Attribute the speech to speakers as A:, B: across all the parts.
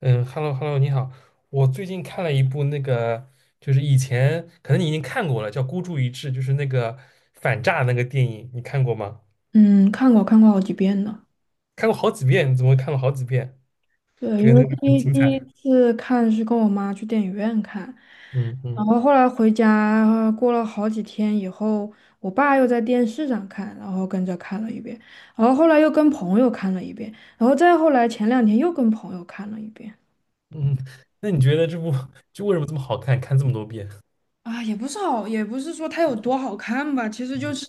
A: 嗯，hello hello，你好。我最近看了一部那个，就是以前可能你已经看过了，叫《孤注一掷》，就是那个反诈那个电影，你看过吗？
B: 嗯，看过看过好几遍呢。
A: 看过好几遍，你怎么看了好几遍？
B: 对，因
A: 觉得
B: 为
A: 那个
B: 第
A: 很
B: 一
A: 精
B: 第一
A: 彩。
B: 次看是跟我妈去电影院看，
A: 嗯
B: 然
A: 嗯
B: 后后来回家过了好几天以后，我爸又在电视上看，然后跟着看了一遍，然后后来又跟朋友看了一遍，然后再后来前两天又跟朋友看了一遍。
A: 嗯，那你觉得这部就为什么这么好看？看这么多遍，
B: 啊，也不是好，也不是说它有多好看吧，其实就是，
A: 嗯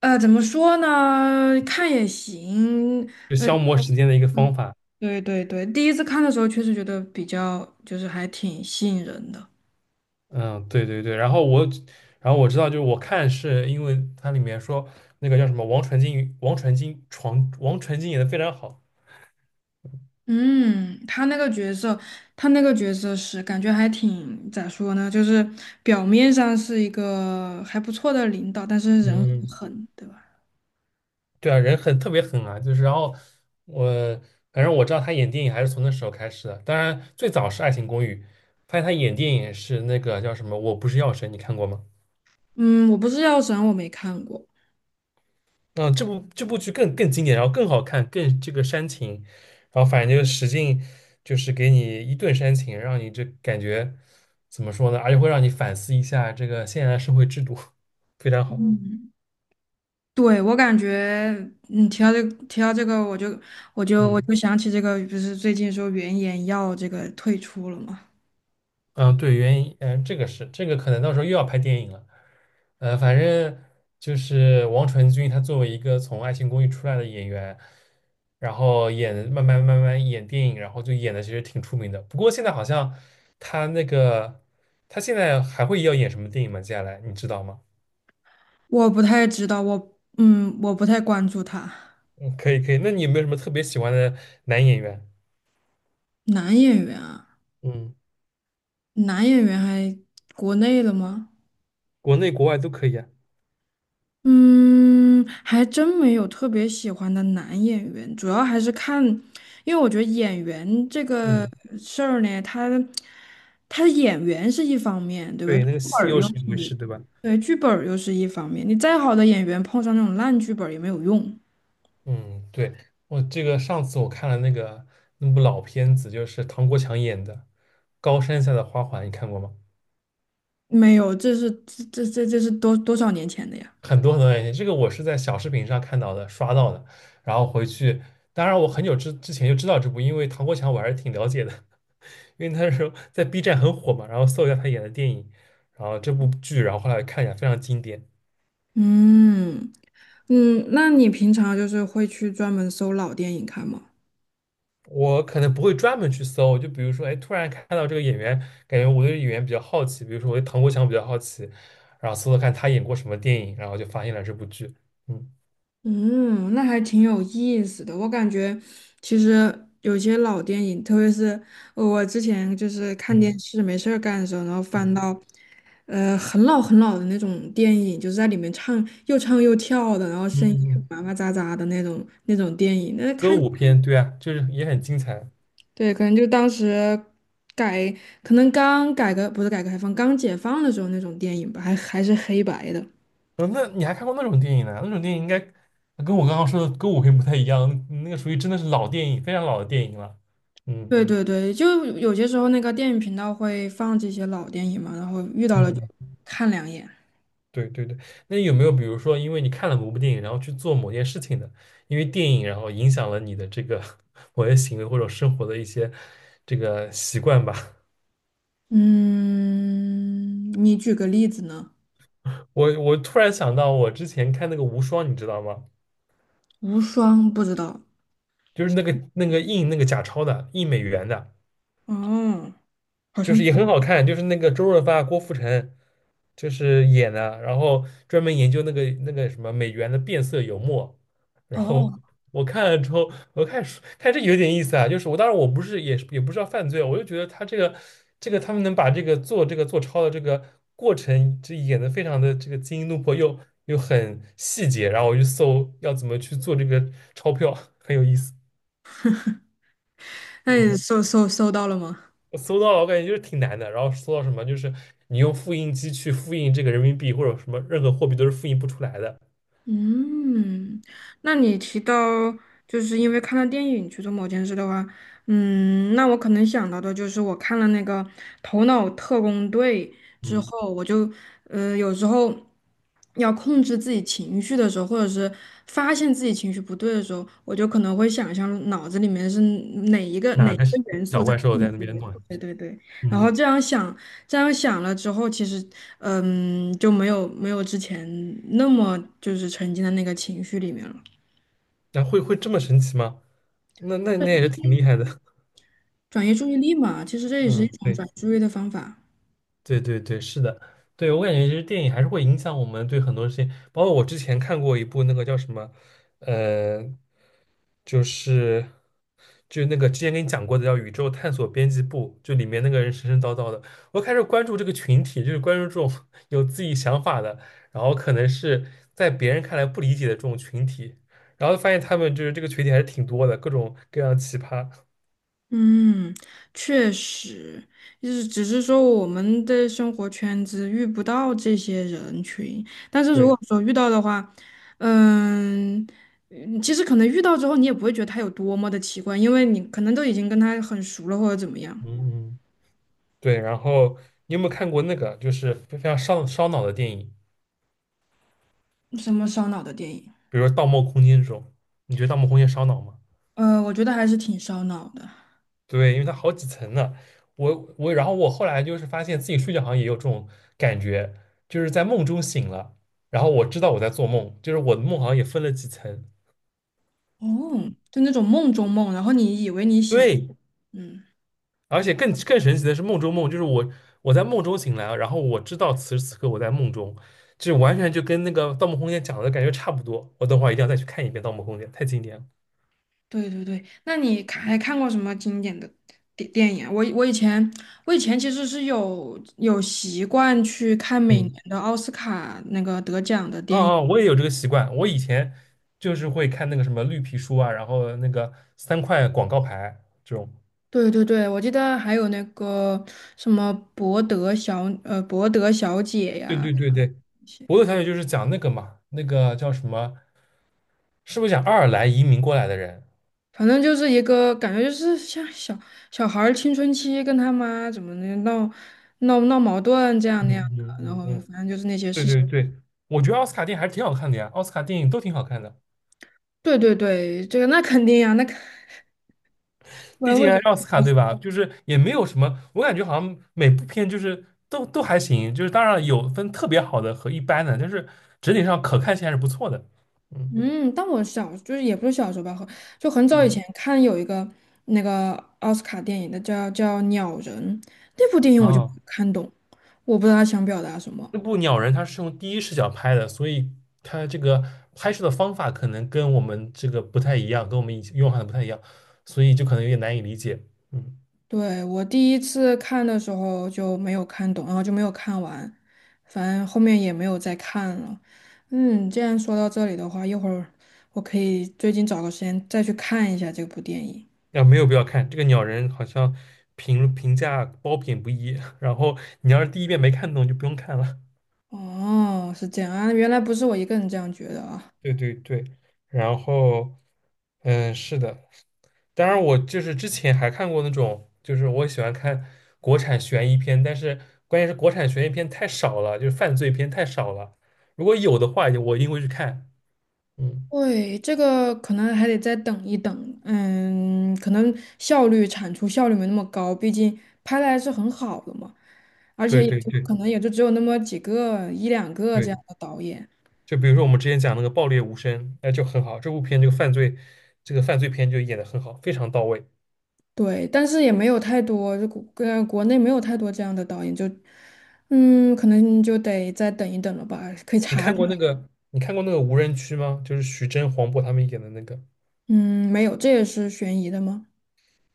B: 怎么说呢，看也行，
A: 就消磨时间的一个方法。
B: 对对对，第一次看的时候确实觉得比较，就是还挺吸引人的。
A: 嗯，对对对。然后我，知道，就是我看是因为它里面说那个叫什么王传君演的非常好。
B: 嗯，他那个角色，他那个角色是感觉还挺，咋说呢，就是表面上是一个还不错的领导，但是人很
A: 嗯。
B: 狠，对吧？
A: 对啊，人很特别狠啊，就是然后我反正我知道他演电影还是从那时候开始的，当然最早是《爱情公寓》，发现他演电影也是那个叫什么《我不是药神》，你看过吗？
B: 嗯，我不是药神，我没看过。
A: 嗯，这部剧更经典，然后更好看，更这个煽情，然后反正就是使劲就是给你一顿煽情，让你这感觉怎么说呢？而且会让你反思一下这个现在的社会制度，非常好。
B: 嗯，对，我感觉，你提到这个，提到这个，我就我就我
A: 嗯
B: 就想起这个，不是最近说原研药这个退出了吗？
A: 嗯，对，原因，这个是这个可能到时候又要拍电影了。反正就是王传君，他作为一个从《爱情公寓》出来的演员，然后演慢慢演电影，然后就演的其实挺出名的。不过现在好像他那个他现在还会要演什么电影吗？接下来你知道吗？
B: 我不太知道，我嗯，我不太关注他。
A: 嗯，可以可以。那你有没有什么特别喜欢的男演员？
B: 男演员啊，
A: 嗯，
B: 男演员还国内的吗？
A: 国内国外都可以啊。
B: 嗯，还真没有特别喜欢的男演员，主要还是看，因为我觉得演员这个
A: 嗯，
B: 事儿呢，他演员是一方面，对吧？
A: 对，
B: 剧
A: 那个
B: 本
A: 戏
B: 儿
A: 又
B: 又
A: 是一回事，对吧？
B: 对，剧本儿又是一方面，你再好的演员碰上那种烂剧本儿也没有用。
A: 嗯，对，我这个上次我看了那个那部老片子，就是唐国强演的《高山下的花环》，你看过吗？
B: 没有，这是这这这这是多多少年前的呀？
A: 很多很多年前，这个我是在小视频上看到的，刷到的，然后回去，当然我很久之前就知道这部，因为唐国强我还是挺了解的，因为他是在 B 站很火嘛，然后搜一下他演的电影，然后这部剧，然后后来看一下，非常经典。
B: 嗯嗯，那你平常就是会去专门搜老电影看吗？
A: 我可能不会专门去搜，就比如说，哎，突然看到这个演员，感觉我对演员比较好奇，比如说我对唐国强比较好奇，然后搜搜看他演过什么电影，然后就发现了这部剧。嗯
B: 嗯，那还挺有意思的。我感觉其实有些老电影，特别是我之前就是看电
A: 嗯
B: 视没事儿干的时候，然后翻
A: 嗯
B: 到很老很老的那种电影，就是在里面唱又唱又跳的，然后声音
A: 嗯，嗯
B: 也麻麻扎扎的那种电影，那
A: 歌
B: 看
A: 舞片，对啊，就是也很精彩。
B: 对，可能就当时改，可能刚改革不是改革开放，刚解放的时候那种电影吧，还是黑白的。
A: 嗯，那你还看过那种电影呢？那种电影应该跟我刚刚说的歌舞片不太一样，那个属于真的是老电影，非常老的电影了。嗯
B: 对嗯对对，就有些时候那个电影频道会放这些老电影嘛，然后遇到了就
A: 嗯。
B: 看两眼。
A: 对对对，那有没有比如说，因为你看了某部电影，然后去做某件事情的，因为电影然后影响了你的这个 某些行为或者生活的一些这个习惯吧？
B: 嗯，你举个例子呢？
A: 我突然想到，我之前看那个《无双》，你知道吗？
B: 无双不知道。
A: 就是那个印那个假钞的，印美元的。
B: 哦，好
A: 就
B: 像
A: 是也很好看，就是那个周润发、郭富城就是演的，然后专门研究那个什么美元的变色油墨，然后
B: 哦，
A: 我看了之后，我看看这有点意思啊，就是我当然不是也是也不知道犯罪啊，我就觉得他这个他们能把这个做这个做钞的这个过程，这演的非常的这个惊心动魄又很细节，然后我就搜要怎么去做这个钞票，很有意思，
B: 那你
A: 嗯。
B: 搜到了吗？
A: 我搜到了，我感觉就是挺难的。然后搜到什么，就是你用复印机去复印这个人民币或者什么任何货币都是复印不出来的。
B: 嗯，那你提到就是因为看了电影去做某件事的话，嗯，那我可能想到的就是我看了那个《头脑特工队》之
A: 嗯，
B: 后，我就有时候要控制自己情绪的时候，或者是发现自己情绪不对的时候，我就可能会想象脑子里面是哪一个哪
A: 哪
B: 一
A: 嗯个
B: 个元素
A: 小
B: 在
A: 怪兽
B: 控
A: 在
B: 制
A: 那边
B: 我。
A: 弄
B: 对对对。然后
A: 嗯，
B: 这样想，这样想了之后，其实，嗯，就没有之前那么就是沉浸在那个情绪里面了，
A: 那会这么神奇吗？那也是挺厉害的。
B: 转移注意力嘛，其实这也是一
A: 嗯，
B: 种转
A: 对。
B: 移注意的方法。
A: 对对对，是的，对，我感觉其实电影还是会影响我们对很多事情，包括我之前看过一部那个叫什么，呃，就是那个之前跟你讲过的叫《宇宙探索编辑部》，就里面那个人神神叨叨的，我开始关注这个群体，就是关注这种 有自己想法的，然后可能是在别人看来不理解的这种群体，然后发现他们就是这个群体还是挺多的，各种各样奇葩，
B: 嗯，确实，就是只是说我们的生活圈子遇不到这些人群，但是如
A: 对，
B: 果说遇到的话，嗯嗯其实可能遇到之后你也不会觉得他有多么的奇怪，因为你可能都已经跟他很熟了或者怎么样。
A: 嗯嗯。对，然后你有没有看过那个就是非常烧脑的电影，
B: 什么烧脑的电影？
A: 比如说《盗梦空间》这种？你觉得《盗梦空间》烧脑吗？
B: 我觉得还是挺烧脑的。
A: 对，因为它好几层呢。然后我后来就是发现自己睡觉好像也有这种感觉，就是在梦中醒了，然后我知道我在做梦，就是我的梦好像也分了几层。
B: 哦，就那种梦中梦，然后你以为你醒了。
A: 对，
B: 嗯，
A: 而且更神奇的是梦中梦，就是我在梦中醒来，然后我知道此时此刻我在梦中，就完全就跟那个《盗梦空间》讲的感觉差不多。我等会儿一定要再去看一遍《盗梦空间》，太经典了。
B: 对对对。那你看还看过什么经典的电影啊我我以前我以前其实是有习惯去看每年
A: 嗯。
B: 的奥斯卡那个得奖的
A: 哦
B: 电影。
A: 哦，我也有这个习惯。我以前就是会看那个什么绿皮书啊，然后那个三块广告牌这种。
B: 对对对，我记得还有那个什么博德小姐
A: 对
B: 呀，
A: 对对对，伯乐小姐就是讲那个嘛，那个叫什么？是不是讲爱尔兰移民过来的人？
B: 反正就是一个感觉，就是像小小孩儿青春期跟他妈怎么的闹闹矛盾这样
A: 嗯
B: 那样的，
A: 嗯
B: 然后
A: 嗯嗯，
B: 反正就是那些
A: 对
B: 事情。
A: 对对，我觉得奥斯卡电影还是挺好看的呀，奥斯卡电影都挺好看的，
B: 对对对，这个那肯定呀、那肯不
A: 毕
B: 然为
A: 竟
B: 什
A: 还是奥
B: 么？
A: 斯卡对吧？就是也没有什么，我感觉好像每部片就是都还行，就是当然有分特别好的和一般的，但是整体上可看性还是不错的。嗯
B: 嗯，但我小就是也不是小时候吧，很就很早以
A: 嗯。
B: 前看有一个那个奥斯卡电影的叫《鸟人》，那部电影我就没
A: 啊，
B: 看懂，我不知道他想表达什么。
A: 那部《鸟人》它是用第一视角拍的，所以它这个拍摄的方法可能跟我们这个不太一样，跟我们以前用法的不太一样，所以就可能有点难以理解。嗯，
B: 对，我第一次看的时候就没有看懂，然后就没有看完，反正后面也没有再看了。嗯，既然说到这里的话，一会儿我可以最近找个时间再去看一下这部电影。
A: 啊，没有必要看这个《鸟人》，好像评价褒贬不一。然后你要是第一遍没看懂，就不用看了。
B: 哦，是这样啊，原来不是我一个人这样觉得啊。
A: 对对对，然后，是的，当然，我就是之前还看过那种，就是我喜欢看国产悬疑片，但是关键是国产悬疑片太少了，就是犯罪片太少了。如果有的话，我一定会去看。嗯，
B: 对，这个可能还得再等一等，嗯，可能效率产出效率没那么高，毕竟拍的还是很好的嘛，而
A: 对
B: 且也
A: 对
B: 就
A: 对
B: 可能也就只有那么几个一两个这样
A: 对，
B: 的导演。
A: 就比如说我们之前讲那个《爆裂无声》，那就很好，这部片这个犯罪，这个犯罪片就演得很好，非常到位。
B: 对，但是也没有太多，就国内没有太多这样的导演，就嗯，可能就得再等一等了吧，可以查一下
A: 你看过那个《无人区》吗？就是徐峥、黄渤他们演的那个。
B: 嗯，没有，这也是悬疑的吗？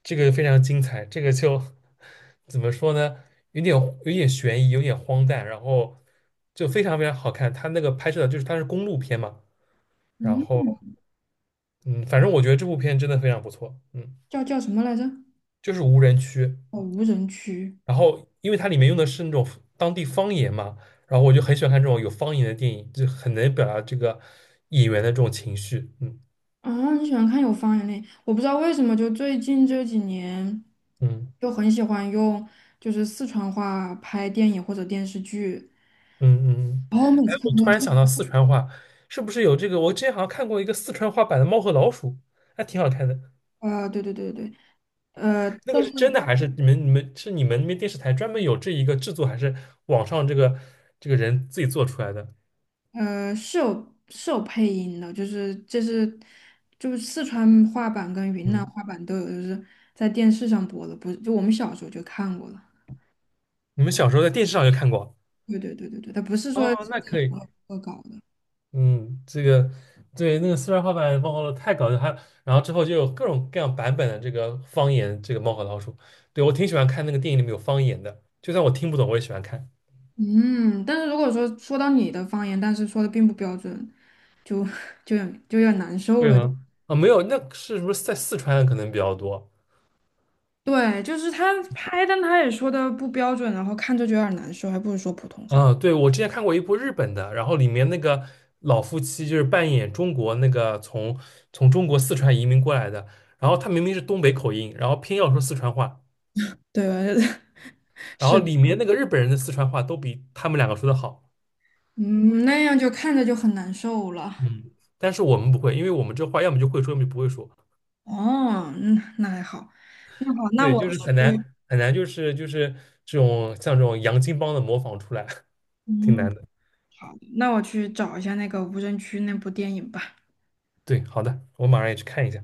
A: 这个非常精彩，这个就 怎么说呢？有点有点悬疑，有点荒诞，然后就非常非常好看。它那个拍摄的就是它是公路片嘛，然
B: 嗯，
A: 后嗯，反正我觉得这部片真的非常不错，
B: 叫什么来着？
A: 就是无人区，
B: 哦，无人区
A: 然后因为它里面用的是那种当地方言嘛，然后我就很喜欢看这种有方言的电影，就很能表达这个演员的这种情绪，嗯
B: 啊，你喜欢看有方言的？我不知道为什么，就最近这几年
A: 嗯。
B: 就很喜欢用就是四川话拍电影或者电视剧，
A: 嗯嗯，嗯，
B: 然后每
A: 哎，
B: 次看
A: 我
B: 都
A: 突然
B: 特
A: 想到四川话，是不是有这个？我之前好像看过一个四川话版的《猫和老鼠》，还挺好看的。
B: 啊，对对对对，
A: 那个
B: 但
A: 是
B: 是。
A: 真的还是你们那边电视台专门有这一个制作，还是网上这个人自己做出来的？
B: 是有是有配音的，就是这是就是四川话版跟云南
A: 嗯，
B: 话版都有，就是在电视上播的，不是就我们小时候就看过了。
A: 你们小时候在电视上就看过？
B: 对对对对对，它不是说
A: 哦，
B: 现
A: 那
B: 在
A: 可以。
B: 我恶搞的。
A: 嗯，这个对那个四川话版《的猫和老鼠》太搞笑，还有然后之后就有各种各样版本的这个方言，这个《猫和老鼠》。对，我挺喜欢看那个电影里面有方言的，就算我听不懂，我也喜欢看。
B: 嗯，但是如果说说到你的方言，但是说的并不标准，就 就有点就有点难受
A: 会
B: 了。
A: 吗？啊，没有，那是不是在四川可能比较多？
B: 对，就是他拍，但他也说的不标准，然后看着就有点难受，还不如说普通话。
A: 啊，对，我之前看过一部日本的，然后里面那个老夫妻就是扮演中国那个从中国四川移民过来的，然后他明明是东北口音，然后偏要说四川话，
B: 对吧
A: 然后
B: 是的，
A: 里面那个日本人的四川话都比他们两个说的好，
B: 嗯，那样就看着就很难受了。
A: 嗯，但是我们不会，因为我们这话要么就会说，要么就不会说，
B: 哦，那那还好，那好，那
A: 对，就
B: 我
A: 是很
B: 去，
A: 难很难，就是这种像这种洋泾浜的模仿出来，挺
B: 嗯，
A: 难的。
B: 好的，那我去找一下那个无人区那部电影吧。
A: 对，好的，我马上也去看一下。